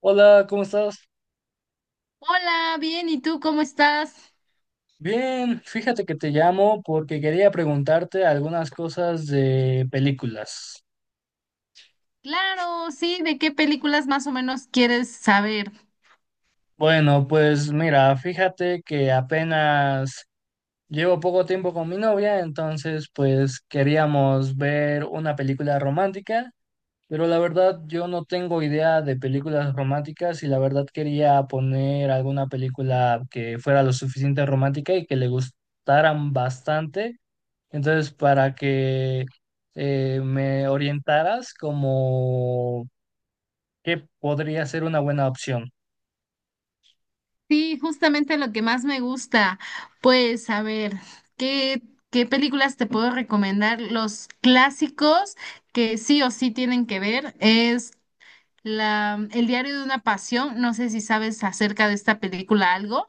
Hola, ¿cómo estás? Hola, bien, ¿y tú cómo estás? Bien, fíjate que te llamo porque quería preguntarte algunas cosas de películas. Claro, sí, ¿de qué películas más o menos quieres saber? Bueno, pues mira, fíjate que apenas llevo poco tiempo con mi novia, entonces pues queríamos ver una película romántica, pero la verdad yo no tengo idea de películas románticas y la verdad quería poner alguna película que fuera lo suficiente romántica y que le gustaran bastante. Entonces, para que me orientaras como qué podría ser una buena opción. Sí, justamente lo que más me gusta. Pues, a ver, ¿qué, ¿qué películas te puedo recomendar? Los clásicos que sí o sí tienen que ver es El diario de una pasión. No sé si sabes acerca de esta película algo.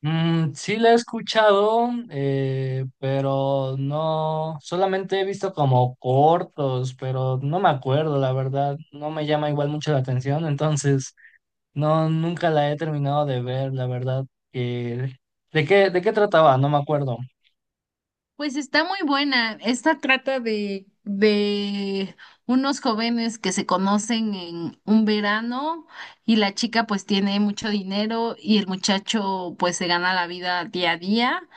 Mm, sí la he escuchado, pero no, solamente he visto como cortos, pero no me acuerdo, la verdad, no me llama igual mucho la atención, entonces no, nunca la he terminado de ver, la verdad, que, de qué trataba? No me acuerdo. Pues está muy buena. Esta trata de unos jóvenes que se conocen en un verano, y la chica pues tiene mucho dinero y el muchacho pues se gana la vida día a día,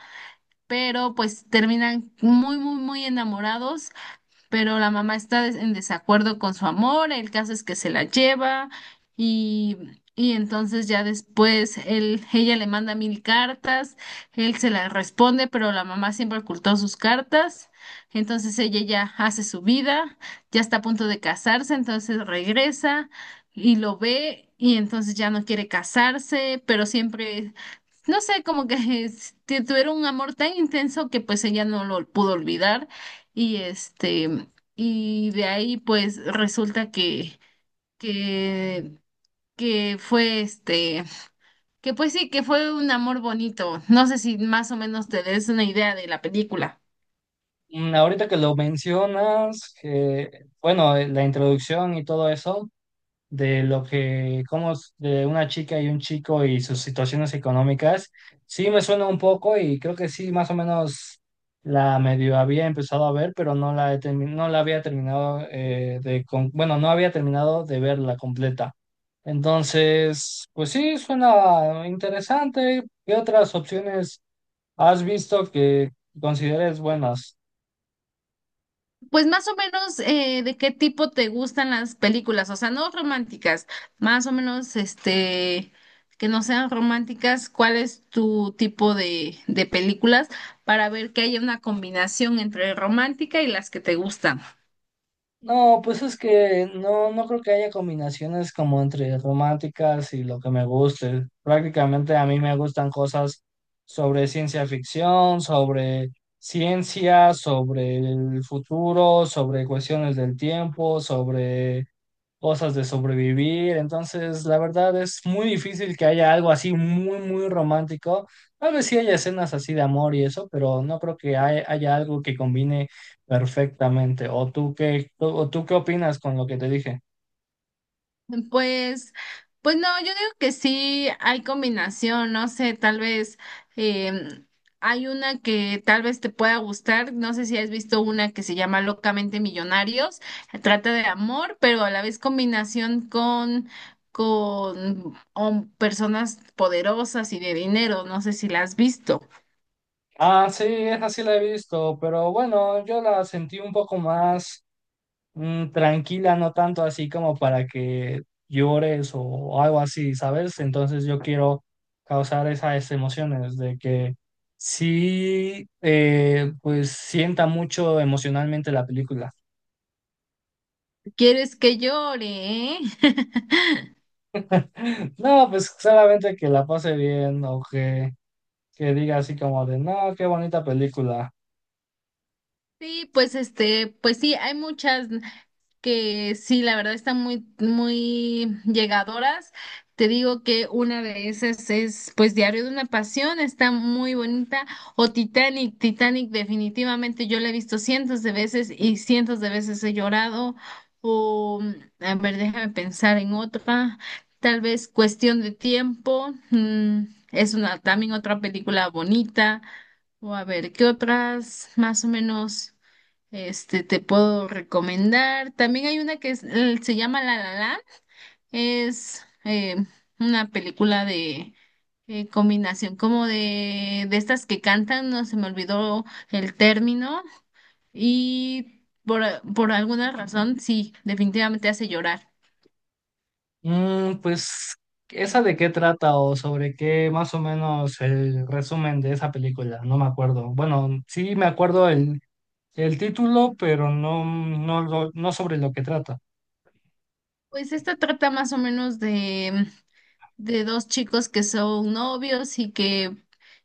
pero pues terminan muy, muy, muy enamorados, pero la mamá está en desacuerdo con su amor. El caso es que se la lleva, y, y entonces ya después ella le manda mil cartas, él se las responde, pero la mamá siempre ocultó sus cartas. Entonces ella ya hace su vida, ya está a punto de casarse, entonces regresa y lo ve y entonces ya no quiere casarse, pero siempre... No sé, como que es- tuvieron un amor tan intenso que pues ella no lo pudo olvidar. y este, y de ahí pues resulta que, que fue este, que pues sí, que fue un amor bonito. No sé si más o menos te des una idea de la película. Mm, ahorita que lo mencionas, bueno, la introducción y todo eso, de lo que, como de una chica y un chico y sus situaciones económicas, sí me suena un poco y creo que sí, más o menos la medio había empezado a ver, pero he no la había terminado de, bueno, no había terminado de verla completa. Entonces, pues sí, suena interesante. ¿Qué otras opciones has visto que consideres buenas? Pues más o menos de qué tipo te gustan las películas, o sea, no románticas, más o menos que no sean románticas. ¿Cuál es tu tipo de películas para ver que haya una combinación entre romántica y las que te gustan? No, pues es que no, no creo que haya combinaciones como entre románticas y lo que me guste. Prácticamente a mí me gustan cosas sobre ciencia ficción, sobre ciencia, sobre el futuro, sobre cuestiones del tiempo, sobre cosas de sobrevivir. Entonces, la verdad es muy difícil que haya algo así muy, muy romántico. Tal vez sí haya escenas así de amor y eso, pero no creo que haya algo que combine perfectamente. O tú qué opinas con lo que te dije? Pues, pues no, yo digo que sí hay combinación. No sé, tal vez em, hay una que tal vez te pueda gustar. No sé si has visto una que se llama Locamente Millonarios. Trata de amor, pero a la vez combinación con personas poderosas y de dinero. No sé si la has visto. Ah, sí, esa sí la he visto, pero bueno, yo la sentí un poco más, mm, tranquila, no tanto así como para que llores o algo así, ¿sabes? Entonces yo quiero causar esas emociones de que sí, pues sienta mucho emocionalmente la película. ¿Quieres que llore? ¿Eh? No, pues solamente que la pase bien o que diga así como de, no, qué bonita película. Sí, pues este, pues sí, hay muchas que sí, la verdad, están muy, muy llegadoras. Te digo que una de esas es, pues, Diario de una Pasión. Está muy bonita. O Titanic. Titanic, definitivamente, yo la he visto cientos de veces y cientos de veces he llorado. O, a ver, déjame pensar en otra. Tal vez Cuestión de Tiempo, mm, es una, también otra película bonita. O a ver, ¿qué otras más o menos te puedo recomendar? También hay una que se llama La La Land. Es una película de combinación como de estas que cantan. No se me olvidó el término. Y por, por alguna razón, sí, definitivamente hace llorar. Mm, pues, ¿esa de qué trata o sobre qué más o menos el resumen de esa película? No me acuerdo. Bueno, sí me acuerdo el título, pero no, no sobre lo que trata. Pues esta trata más o menos de dos chicos que son novios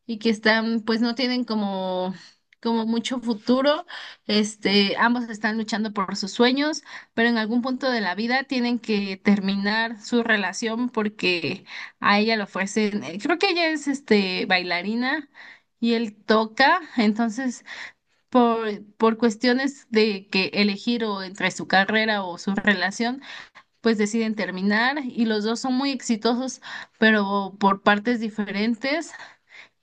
y que están pues no tienen como mucho futuro. Este, ambos están luchando por sus sueños, pero en algún punto de la vida tienen que terminar su relación porque a ella lo ofrecen, creo que ella es este bailarina y él toca. Entonces por cuestiones de que elegir o entre su carrera o su relación, pues deciden terminar y los dos son muy exitosos, pero por partes diferentes.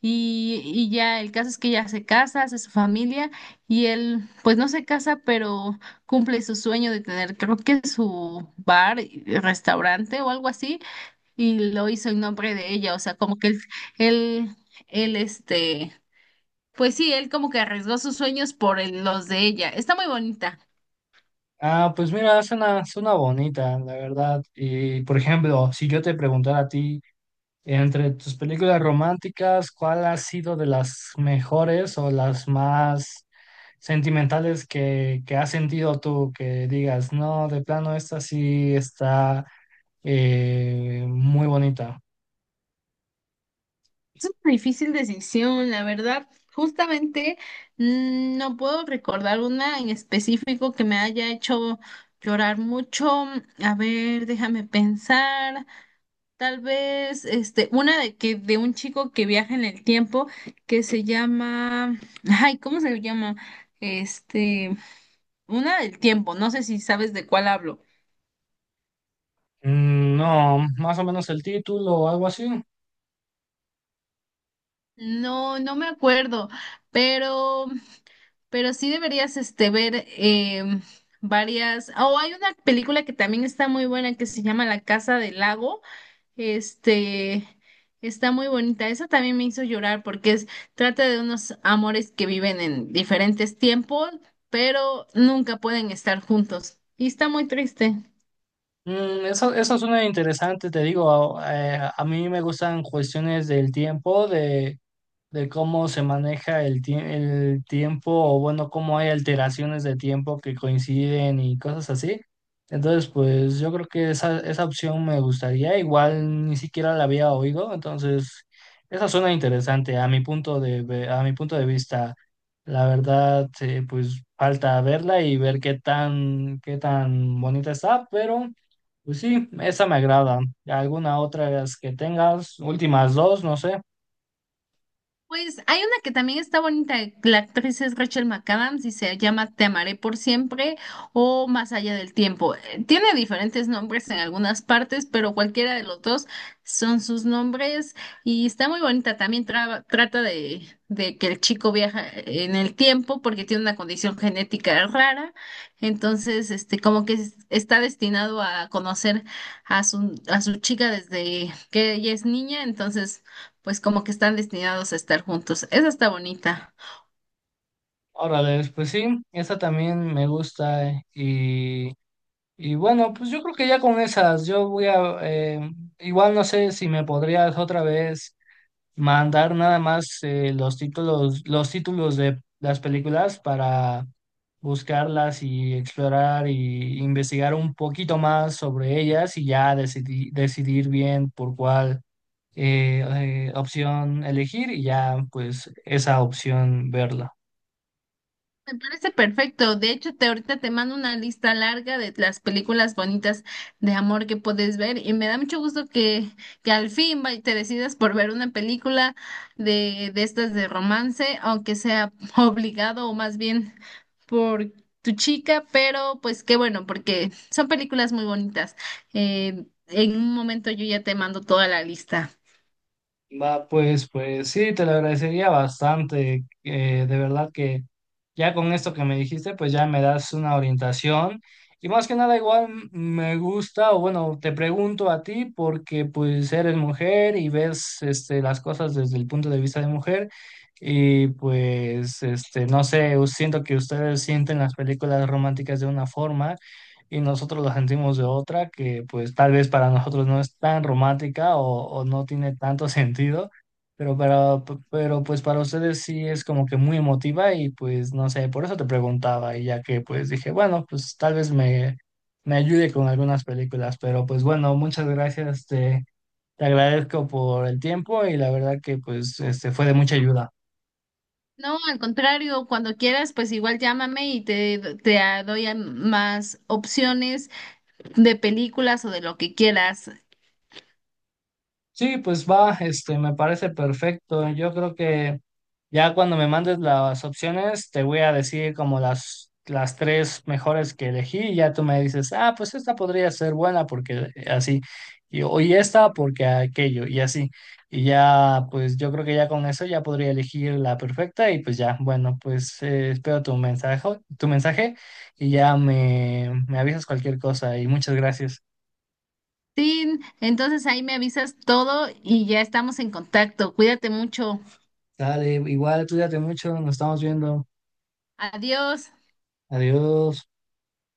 Y ya el caso es que ella se casa, hace su familia, y él pues no se casa, pero cumple su sueño de tener creo que su bar, y restaurante o algo así, y lo hizo en nombre de ella. O sea, como que él, él este, pues sí, él como que arriesgó sus sueños por los de ella. Está muy bonita. Ah, pues mira, suena, suena bonita, la verdad. Y por ejemplo, si yo te preguntara a ti, entre tus películas románticas, ¿cuál ha sido de las mejores o las más sentimentales que has sentido tú? Que digas, no, de plano, esta sí está, muy bonita. Es una difícil decisión, la verdad. Justamente mm, no puedo recordar una en específico que me haya hecho llorar mucho. A ver, déjame pensar. Tal vez, este, una de que de un chico que viaja en el tiempo, que se llama, ay, ¿cómo se llama? Este, una del tiempo. No sé si sabes de cuál hablo. Mm, no, más o menos el título o algo así. No, no me acuerdo, pero Pero sí deberías este, ver varias. O hay una película que también está muy buena que se llama La Casa del Lago. Este, está muy bonita. Esa también me hizo llorar porque es, trata de unos amores que viven en diferentes tiempos, pero nunca pueden estar juntos. Y está muy triste. Mm, eso suena interesante, te digo, a mí me gustan cuestiones del tiempo, de cómo se maneja el tiempo o bueno, cómo hay alteraciones de tiempo que coinciden y cosas así. Entonces, pues yo creo que esa opción me gustaría, igual ni siquiera la había oído, entonces esa suena interesante a mi punto de, a mi punto de vista. La verdad, pues falta verla y ver qué tan bonita está, pero pues sí, esa me agrada. ¿Alguna otra que tengas? Últimas dos, no sé. Pues hay una que también está bonita. La actriz es Rachel McAdams y se llama Te amaré por siempre o Más allá del tiempo. Tiene diferentes nombres en algunas partes, pero cualquiera de los dos son sus nombres, y está muy bonita. También trata de que el chico viaja en el tiempo porque tiene una condición genética rara. Entonces este como que está destinado a conocer a a su chica desde que ella es niña. Entonces pues como que están destinados a estar juntos. Esa está bonita. Órale, pues sí, esa también me gusta, y bueno, pues yo creo que ya con esas, yo voy a igual no sé si me podrías otra vez mandar nada más los títulos de las películas para buscarlas y explorar y investigar un poquito más sobre ellas y ya decidir, decidir bien por cuál eh, opción elegir y ya pues esa opción verla. Me parece perfecto. De hecho, te ahorita te mando una lista larga de las películas bonitas de amor que puedes ver, y me da mucho gusto que al fin te decidas por ver una película de estas de romance, aunque sea obligado o más bien por tu chica, pero pues qué bueno, porque son películas muy bonitas. En un momento yo ya te mando toda la lista. Va, pues, pues sí, te lo agradecería bastante, de verdad que ya con esto que me dijiste, pues ya me das una orientación. Y más que nada, igual me gusta, o bueno, te pregunto a ti porque pues eres mujer y ves este, las cosas desde el punto de vista de mujer. Y pues, este, no sé, siento que ustedes sienten las películas románticas de una forma y nosotros la sentimos de otra que pues tal vez para nosotros no es tan romántica o no tiene tanto sentido, pero, para, pero pues para ustedes sí es como que muy emotiva y pues no sé, por eso te preguntaba y ya que pues dije, bueno, pues tal vez me ayude con algunas películas, pero pues bueno, muchas gracias, te agradezco por el tiempo y la verdad que pues este fue de mucha ayuda. No, al contrario, cuando quieras, pues igual llámame y te doy más opciones de películas o de lo que quieras. Sí, pues va, este, me parece perfecto. Yo creo que ya cuando me mandes las opciones, te voy a decir como las tres mejores que elegí y ya tú me dices, ah, pues esta podría ser buena porque así, o y esta porque aquello, y así. Y ya, pues yo creo que ya con eso ya podría elegir la perfecta y pues ya, bueno, pues espero tu mensaje, tu mensaje y ya me avisas cualquier cosa y muchas gracias. Sí, entonces ahí me avisas todo y ya estamos en contacto. Cuídate mucho. Dale, igual, cuídate mucho, nos estamos viendo. Adiós. Adiós.